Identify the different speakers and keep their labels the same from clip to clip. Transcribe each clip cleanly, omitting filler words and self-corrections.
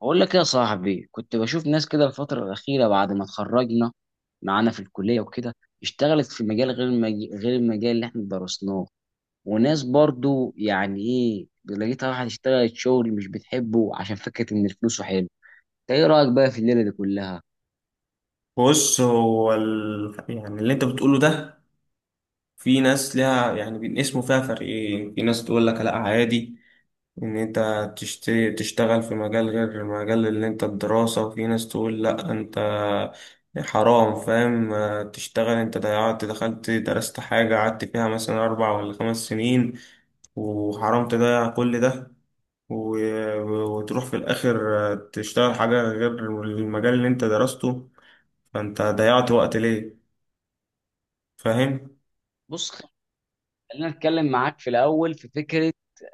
Speaker 1: بقول لك إيه يا صاحبي، كنت بشوف ناس كده الفترة الأخيرة بعد ما اتخرجنا معانا في الكلية وكده. اشتغلت في مجال غير غير المجال اللي احنا درسناه. وناس برضو يعني لقيتها، واحد اشتغلت شغل مش بتحبه عشان فكرة ان فلوسه حلو. انت ايه رأيك بقى في الليلة دي كلها؟
Speaker 2: بص هو ال... يعني اللي انت بتقوله ده، في ناس ليها يعني بينقسموا فيها فريقين. في ناس تقول لك لا عادي ان انت تشت... تشتغل في مجال غير مجال اللي انت الدراسة، وفي ناس تقول لا انت حرام. فاهم آه، تشتغل انت ضيعت دخلت درست حاجة قعدت فيها مثلا اربع ولا خمس سنين وحرام تضيع كل ده، وتروح في الآخر تشتغل حاجة غير المجال اللي انت درسته، فانت ضيعت وقت ليه؟ فاهم.
Speaker 1: بص، خلينا نتكلم معاك في الأول في فكرة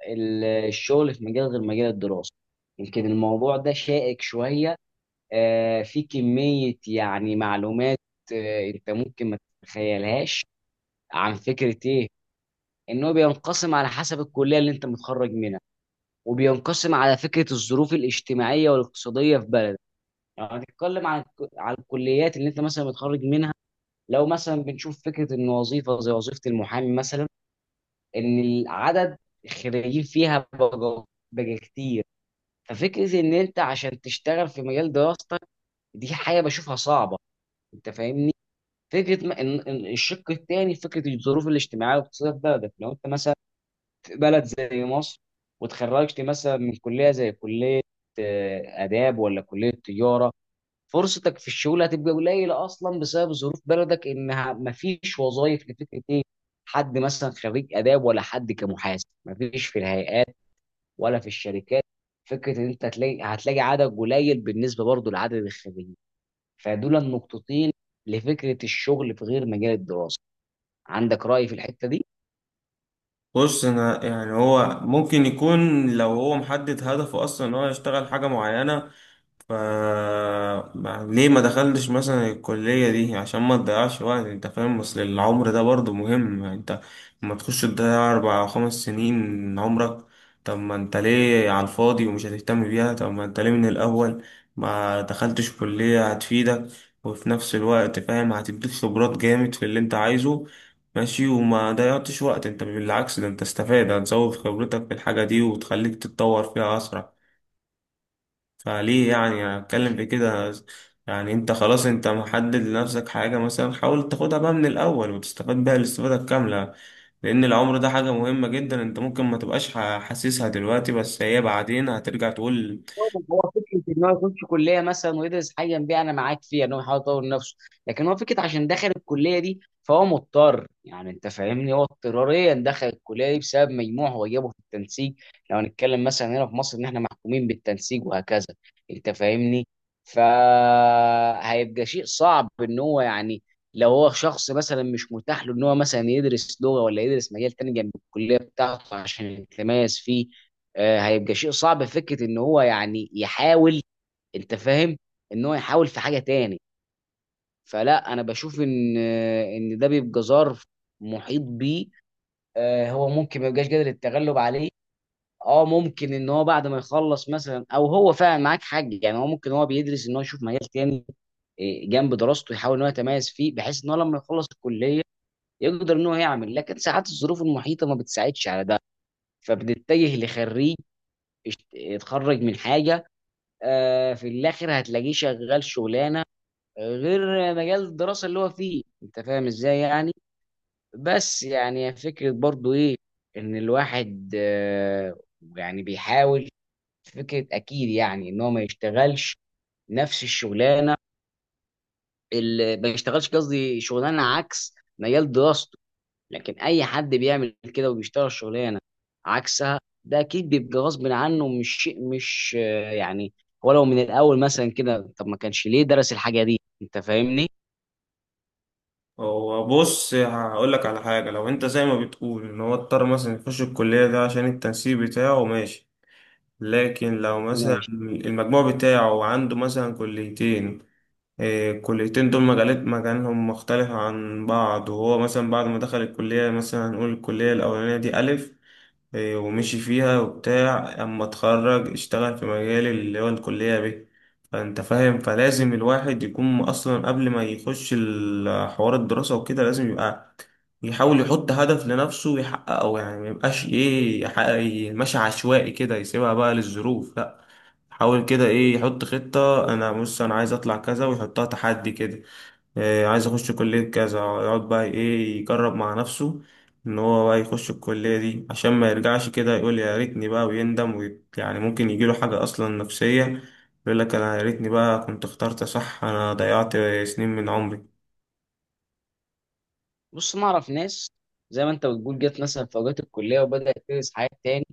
Speaker 1: الشغل في مجال غير مجال الدراسة. يمكن الموضوع ده شائك شوية، في كمية يعني معلومات انت ممكن ما تتخيلهاش عن فكرة ايه، انه بينقسم على حسب الكلية اللي انت متخرج منها، وبينقسم على فكرة الظروف الاجتماعية والاقتصادية في بلدك. يعني هنتكلم عن الكليات اللي انت مثلا متخرج منها. لو مثلا بنشوف فكرة ان وظيفة زي وظيفة المحامي مثلا، ان العدد الخريجين فيها بقى، كتير. ففكرة ان انت عشان تشتغل في مجال دراستك، دي حاجة بشوفها صعبة، انت فاهمني؟ فكره ما إن الشق الثاني، فكره الظروف الاجتماعيه والاقتصاديه في بلدك، لو انت مثلا في بلد زي مصر وتخرجت مثلا من كليه زي كليه اداب ولا كليه تجاره، فرصتك في الشغل هتبقى قليله اصلا بسبب ظروف بلدك، انها ما فيش وظائف لفكره ايه، حد مثلا خريج اداب ولا حد كمحاسب، ما فيش في الهيئات ولا في الشركات. فكره ان انت هتلاقي عدد قليل بالنسبه برضه لعدد الخريجين. فدول النقطتين لفكره الشغل في غير مجال الدراسه. عندك رأي في الحتة دي؟
Speaker 2: بص انا يعني هو ممكن يكون لو هو محدد هدفه اصلا ان هو يشتغل حاجه معينه، ف ما- ليه ما دخلتش مثلا الكلية دي عشان ما تضيعش وقت؟ انت فاهم، اصل العمر ده برضه مهم. انت لما تخش تضيع اربع او خمس سنين من عمرك، طب ما انت ليه على الفاضي ومش هتهتم بيها؟ طب ما انت ليه من الاول ما دخلتش كلية هتفيدك وفي نفس الوقت فاهم هتديك خبرات جامد في اللي انت عايزه؟ ماشي وما ضيعتش وقت، انت بالعكس ده انت استفاد هتزود خبرتك في الحاجة دي وتخليك تتطور فيها اسرع. فليه يعني أنا اتكلم
Speaker 1: مش
Speaker 2: في كده، يعني انت خلاص انت محدد لنفسك حاجة، مثلا حاول تاخدها بقى من الأول وتستفاد بيها الاستفادة الكاملة. لأن العمر ده حاجة مهمة جدا، انت ممكن ما تبقاش حاسسها دلوقتي بس هي بعدين هترجع تقول.
Speaker 1: هو فكرة إن هو يخش كلية مثلا ويدرس حاجة بيها، أنا معاك فيها إن هو يحاول يطور نفسه، لكن هو فكرة عشان دخل الكلية دي فهو مضطر، يعني أنت فاهمني، هو اضطراريا دخل الكلية دي بسبب مجموع هو جابه في التنسيق، لو هنتكلم مثلا هنا في مصر إن إحنا محكومين بالتنسيق وهكذا، أنت فاهمني؟ فهيبقى شيء صعب إن هو يعني، لو هو شخص مثلا مش متاح له إن هو مثلا يدرس لغة ولا يدرس مجال تاني جنب الكلية بتاعته عشان يتميز فيه، هيبقى شيء صعب في فكره ان هو يعني يحاول، انت فاهم، ان هو يحاول في حاجه تاني. فلا انا بشوف ان ان ده بيبقى ظرف محيط بيه هو ممكن ما يبقاش قادر التغلب عليه. اه ممكن ان هو بعد ما يخلص مثلا، او هو فعلا معاك حق، يعني هو ممكن هو بيدرس ان هو يشوف مجال تاني جنب دراسته، يحاول ان هو يتميز فيه بحيث ان هو لما يخلص الكليه يقدر ان هو يعمل. لكن ساعات الظروف المحيطه ما بتساعدش على ده، فبنتجه لخريج اتخرج من حاجه في الاخر هتلاقيه شغال شغلانه غير مجال الدراسه اللي هو فيه، انت فاهم ازاي يعني. بس يعني فكره برضو ايه، ان الواحد يعني بيحاول، فكره اكيد يعني ان هو ما يشتغلش نفس الشغلانه، اللي ما يشتغلش قصدي شغلانه عكس مجال دراسته. لكن اي حد بيعمل كده وبيشتغل شغلانه عكسها، ده اكيد بيبقى غصب عنه، مش شيء مش يعني، ولو من الاول مثلا كده، طب ما كانش ليه درس الحاجه دي، انت فاهمني.
Speaker 2: هو بص هقولك على حاجة، لو انت زي ما بتقول ان هو اضطر مثلا يخش الكلية ده عشان التنسيق بتاعه، ماشي. لكن لو مثلا
Speaker 1: ماشي.
Speaker 2: المجموع بتاعه عنده مثلا كليتين، الكليتين دول مجالات مجالهم مختلف عن بعض، وهو مثلا بعد ما دخل الكلية مثلا هنقول الكلية الأولانية دي ألف إيه، ومشي فيها وبتاع، أما اتخرج اشتغل في مجال اللي هو الكلية ب، فأنت فاهم. فلازم الواحد يكون أصلا قبل ما يخش حوار الدراسة وكده لازم يبقى يحاول يحط هدف لنفسه ويحققه. يعني ميبقاش إيه ماشي عشوائي كده يسيبها بقى للظروف، لأ، حاول كده ايه يحط خطة. انا بص انا عايز اطلع كذا ويحطها تحدي كده إيه، عايز اخش كلية كذا يقعد بقى ايه يجرب مع نفسه ان هو بقى يخش الكلية دي، عشان ما يرجعش كده يقول يا ريتني بقى ويندم يعني ممكن يجيله حاجة اصلا نفسية يقول لك انا يا ريتني بقى كنت اخترت صح، انا ضيعت سنين من عمري.
Speaker 1: بص انا اعرف ناس زي ما انت بتقول، جت مثلا في اوقات الكليه وبدات تدرس حاجات تاني،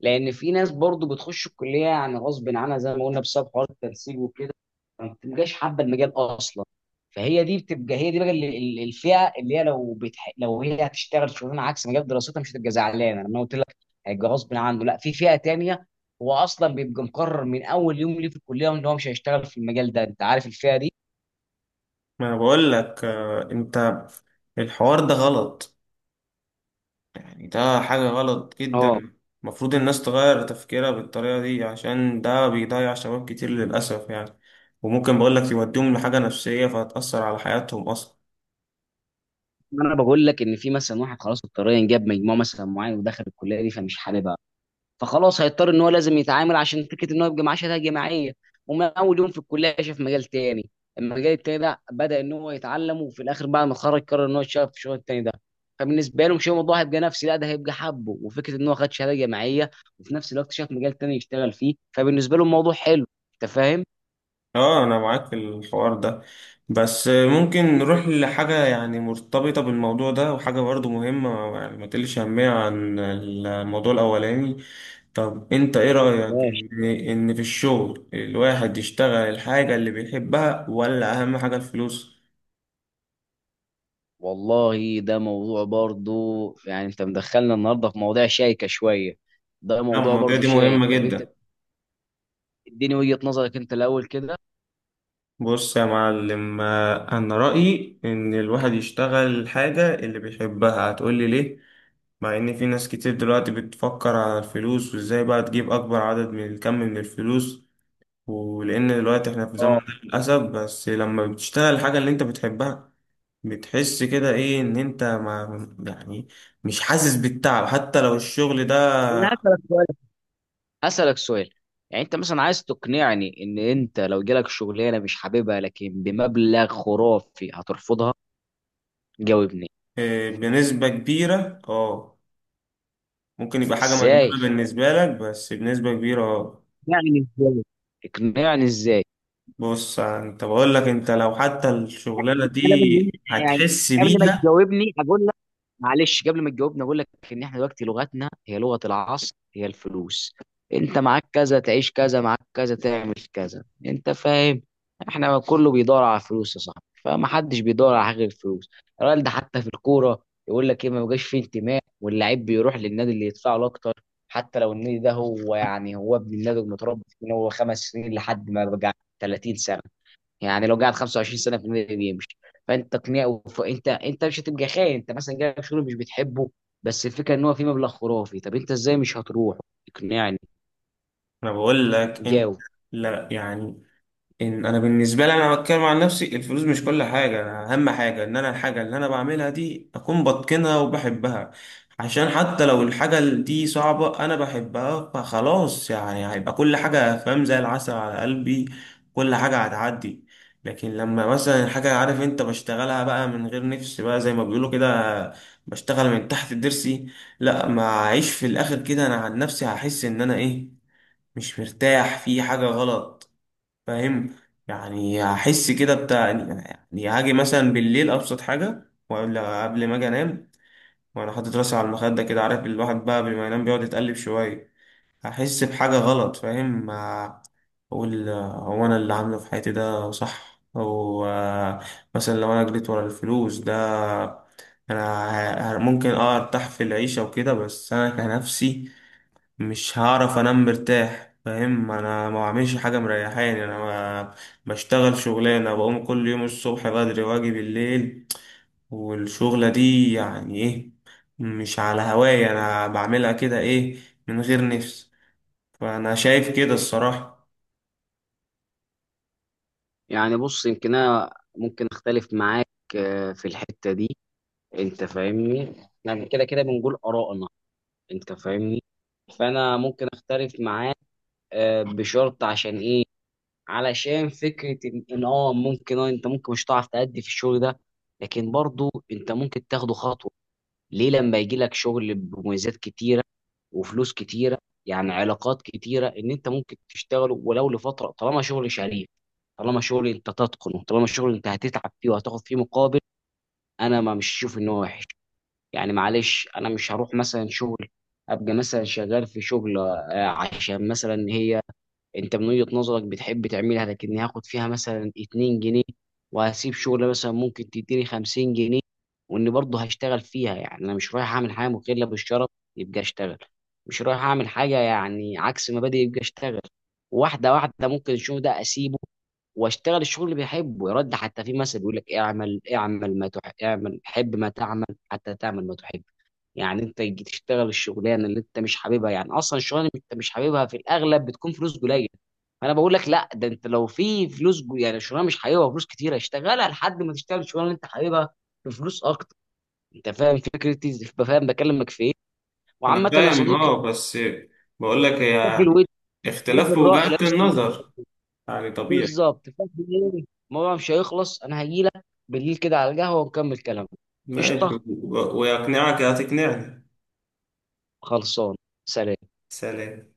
Speaker 1: لان في ناس برضو بتخش الكليه يعني غصب عنها زي ما قلنا بسبب حوار التنسيق وكده، ما بتبقاش حابه المجال اصلا. فهي دي بتبقى، هي دي بقى الفئه اللي هي، لو لو هي هتشتغل شغلانه عكس مجال دراستها مش هتبقى زعلانه، لما قلت لك هيبقى غصب عنه، لا. في فئه تانية هو اصلا بيبقى مقرر من اول يوم ليه في الكليه ان هو مش هيشتغل في المجال ده، انت عارف الفئه دي.
Speaker 2: ما انا بقول لك آه، انت الحوار ده غلط، يعني ده حاجة غلط
Speaker 1: اه.
Speaker 2: جدا. المفروض الناس تغير تفكيرها بالطريقة دي، عشان ده بيضيع شباب كتير للأسف يعني. وممكن بقولك يوديهم لحاجة نفسية فهتأثر على حياتهم أصلا.
Speaker 1: انا بقول لك ان في مثلا واحد خلاص اضطريا جاب مجموع مثلا معين ودخل الكليه دي فمش حاببها، فخلاص هيضطر ان هو لازم يتعامل عشان فكره ان هو يبقى معاه شهاده جامعيه. ومن اول يوم في الكليه شاف مجال تاني، المجال التاني ده بدا ان هو يتعلم، وفي الاخر بعد ما اتخرج قرر ان هو يشتغل في الشغل التاني ده. فبالنسبه له مش، هو الموضوع هيبقى نفسي؟ لا، ده هيبقى حبه وفكره ان هو خد شهاده جامعيه، وفي نفس الوقت شاف مجال تاني يشتغل فيه، فبالنسبه له الموضوع حلو، انت فاهم.
Speaker 2: اه، أنا معاك في الحوار ده، بس ممكن نروح لحاجة يعني مرتبطة بالموضوع ده وحاجة برضه مهمة يعني ما تقلش أهمية عن الموضوع الأولاني. طب أنت إيه رأيك
Speaker 1: ماشي.
Speaker 2: إن في الشغل الواحد يشتغل الحاجة اللي بيحبها ولا أهم حاجة الفلوس؟
Speaker 1: والله ده موضوع برضو، يعني انت مدخلنا النهارده في مواضيع شائكه شويه، ده
Speaker 2: لا،
Speaker 1: موضوع
Speaker 2: المواضيع
Speaker 1: برضو
Speaker 2: دي
Speaker 1: شائك.
Speaker 2: مهمة
Speaker 1: طب انت
Speaker 2: جدا.
Speaker 1: اديني وجهه نظرك انت الاول كده.
Speaker 2: بص يا معلم آه، أنا رأيي إن الواحد يشتغل الحاجة اللي بيحبها. هتقولي ليه؟ مع إن في ناس كتير دلوقتي بتفكر على الفلوس وإزاي بقى تجيب أكبر عدد من الكم من الفلوس، ولأن دلوقتي إحنا في زمن
Speaker 1: اه.
Speaker 2: ده للأسف. بس لما بتشتغل الحاجة اللي أنت بتحبها بتحس كده إيه إن أنت ما يعني مش حاسس بالتعب حتى لو الشغل ده.
Speaker 1: انا هسألك سؤال، هسألك سؤال. يعني انت مثلا عايز تقنعني ان انت لو جالك شغلانه مش حاببها لكن بمبلغ خرافي هترفضها؟ جاوبني.
Speaker 2: آه، بنسبة كبيرة أه، ممكن يبقى حاجة
Speaker 1: ازاي
Speaker 2: مجنونة بالنسبة لك بس بنسبة كبيرة اه.
Speaker 1: يعني؟ ازاي؟ اقنعني ازاي؟
Speaker 2: بص انت بقول لك انت لو حتى
Speaker 1: احنا
Speaker 2: الشغلانه دي
Speaker 1: بنتكلم ان إحنا يعني،
Speaker 2: هتحس
Speaker 1: قبل ما
Speaker 2: بيها.
Speaker 1: تجاوبني اقول لك، معلش قبل ما تجاوبني اقول لك ان احنا دلوقتي لغتنا هي لغة العصر، هي الفلوس. انت معاك كذا تعيش كذا، معاك كذا تعمل كذا، انت فاهم. احنا كله بيدور على فلوس يا صاحبي، فما حدش بيدور على حاجه غير الفلوس. الراجل ده حتى في الكوره يقول لك ايه، ما بقاش فيه انتماء، واللعيب بيروح للنادي اللي يدفع له اكتر، حتى لو النادي ده هو يعني هو ابن النادي ومتربي فيه من هو خمس سنين لحد ما بقى 30 سنه. يعني لو قعد 25 سنه في النادي يمشي. فانت تقنيه انت مش هتبقى خاين، انت مثلا جالك شغل مش بتحبه، بس الفكره ان هو في مبلغ خرافي، طب انت ازاي مش هتروح؟ اقنعني.
Speaker 2: انا بقول لك انت
Speaker 1: جاوب.
Speaker 2: لا يعني إن أنا بالنسبة لي أنا بتكلم عن نفسي، الفلوس مش كل حاجة. أنا أهم حاجة إن أنا الحاجة اللي أنا بعملها دي أكون بتقنها وبحبها، عشان حتى لو الحاجة دي صعبة أنا بحبها فخلاص يعني هيبقى كل حاجة فاهم زي العسل على قلبي، كل حاجة هتعدي. لكن لما مثلا الحاجة عارف أنت بشتغلها بقى من غير نفس بقى زي ما بيقولوا كده، بشتغل من تحت الضرس، لا ما أعيش في الآخر كده. أنا عن نفسي هحس إن أنا إيه مش مرتاح في حاجة غلط، فاهم؟ يعني هحس كده بتاع يعني هاجي مثلا بالليل ابسط حاجه ولا قبل ما اجي انام وانا حاطط راسي على المخده كده، عارف الواحد بقى قبل ما ينام بيقعد يتقلب شويه، هحس بحاجه غلط فاهم. اقول آه، هو انا اللي عامله في حياتي ده صح او آه، مثلا لو انا جريت ورا الفلوس ده انا، ممكن اه ارتاح في العيشه وكده بس انا كنفسي مش هعرف انام مرتاح، فاهم؟ انا ما بعملش حاجه مريحاني انا، ما بشتغل شغلانه بقوم كل يوم الصبح بدري واجي بالليل، والشغله دي يعني ايه مش على هواية انا بعملها كده ايه من غير نفس. فانا شايف كده الصراحه.
Speaker 1: يعني بص، يمكن انا ممكن اختلف معاك في الحته دي، انت فاهمني، يعني كده كده بنقول ارائنا، انت فاهمني. فانا ممكن اختلف معاك بشرط. عشان ايه؟ علشان فكره ان إن اه ممكن اه انت ممكن مش هتعرف تأدي في الشغل ده، لكن برضو انت ممكن تاخده خطوه. ليه؟ لما يجي لك شغل بمميزات كتيره وفلوس كتيره، يعني علاقات كتيره، ان انت ممكن تشتغله ولو لفتره، طالما شغل شريف، طالما شغل انت تتقنه، طالما شغل انت هتتعب فيه وهتاخد فيه مقابل، انا ما مش شوف ان هو وحش. يعني معلش، انا مش هروح مثلا شغل ابقى مثلا شغال في شغل عشان مثلا هي انت من وجهة نظرك بتحب تعملها، لكني هاخد فيها مثلا 2 جنيه، وهسيب شغل مثلا ممكن تديني 50 جنيه واني برضه هشتغل فيها. يعني انا مش رايح اعمل حاجه مخله بالشرف، يبقى اشتغل، مش رايح اعمل حاجه يعني عكس مبادئ، يبقى اشتغل. واحده واحده، ممكن الشغل ده اسيبه واشتغل الشغل اللي بحبه. يرد حتى في مثل بيقول لك: اعمل، اعمل ما تحب، اعمل حب ما تعمل حتى تعمل ما تحب. يعني انت تيجي تشتغل الشغلانه اللي انت مش حاببها، يعني اصلا الشغلانه اللي انت مش حاببها في الاغلب بتكون فلوس قليله. فانا بقول لك لا، ده انت لو في فلوس يعني شغلانه مش حاببها وفلوس كتيره اشتغلها لحد ما تشتغل الشغلانه اللي انت حاببها بفلوس اكتر. انت فاهم فكرتي؟ فاهم بكلمك في ايه؟
Speaker 2: انا
Speaker 1: وعامه يا
Speaker 2: فاهم
Speaker 1: صديقي،
Speaker 2: اه، بس بقول لك
Speaker 1: في
Speaker 2: هي
Speaker 1: الود، في
Speaker 2: اختلاف في
Speaker 1: الرأي
Speaker 2: وجهات
Speaker 1: نفس الود،
Speaker 2: النظر يعني طبيعي.
Speaker 1: بالظبط. فاهم ايه، الموضوع مش هيخلص، انا هجيلك بالليل كده على القهوه ونكمل كلامنا.
Speaker 2: ماشي،
Speaker 1: قشطه.
Speaker 2: ويقنعك هتقنعني.
Speaker 1: خلصان. سلام.
Speaker 2: سلام.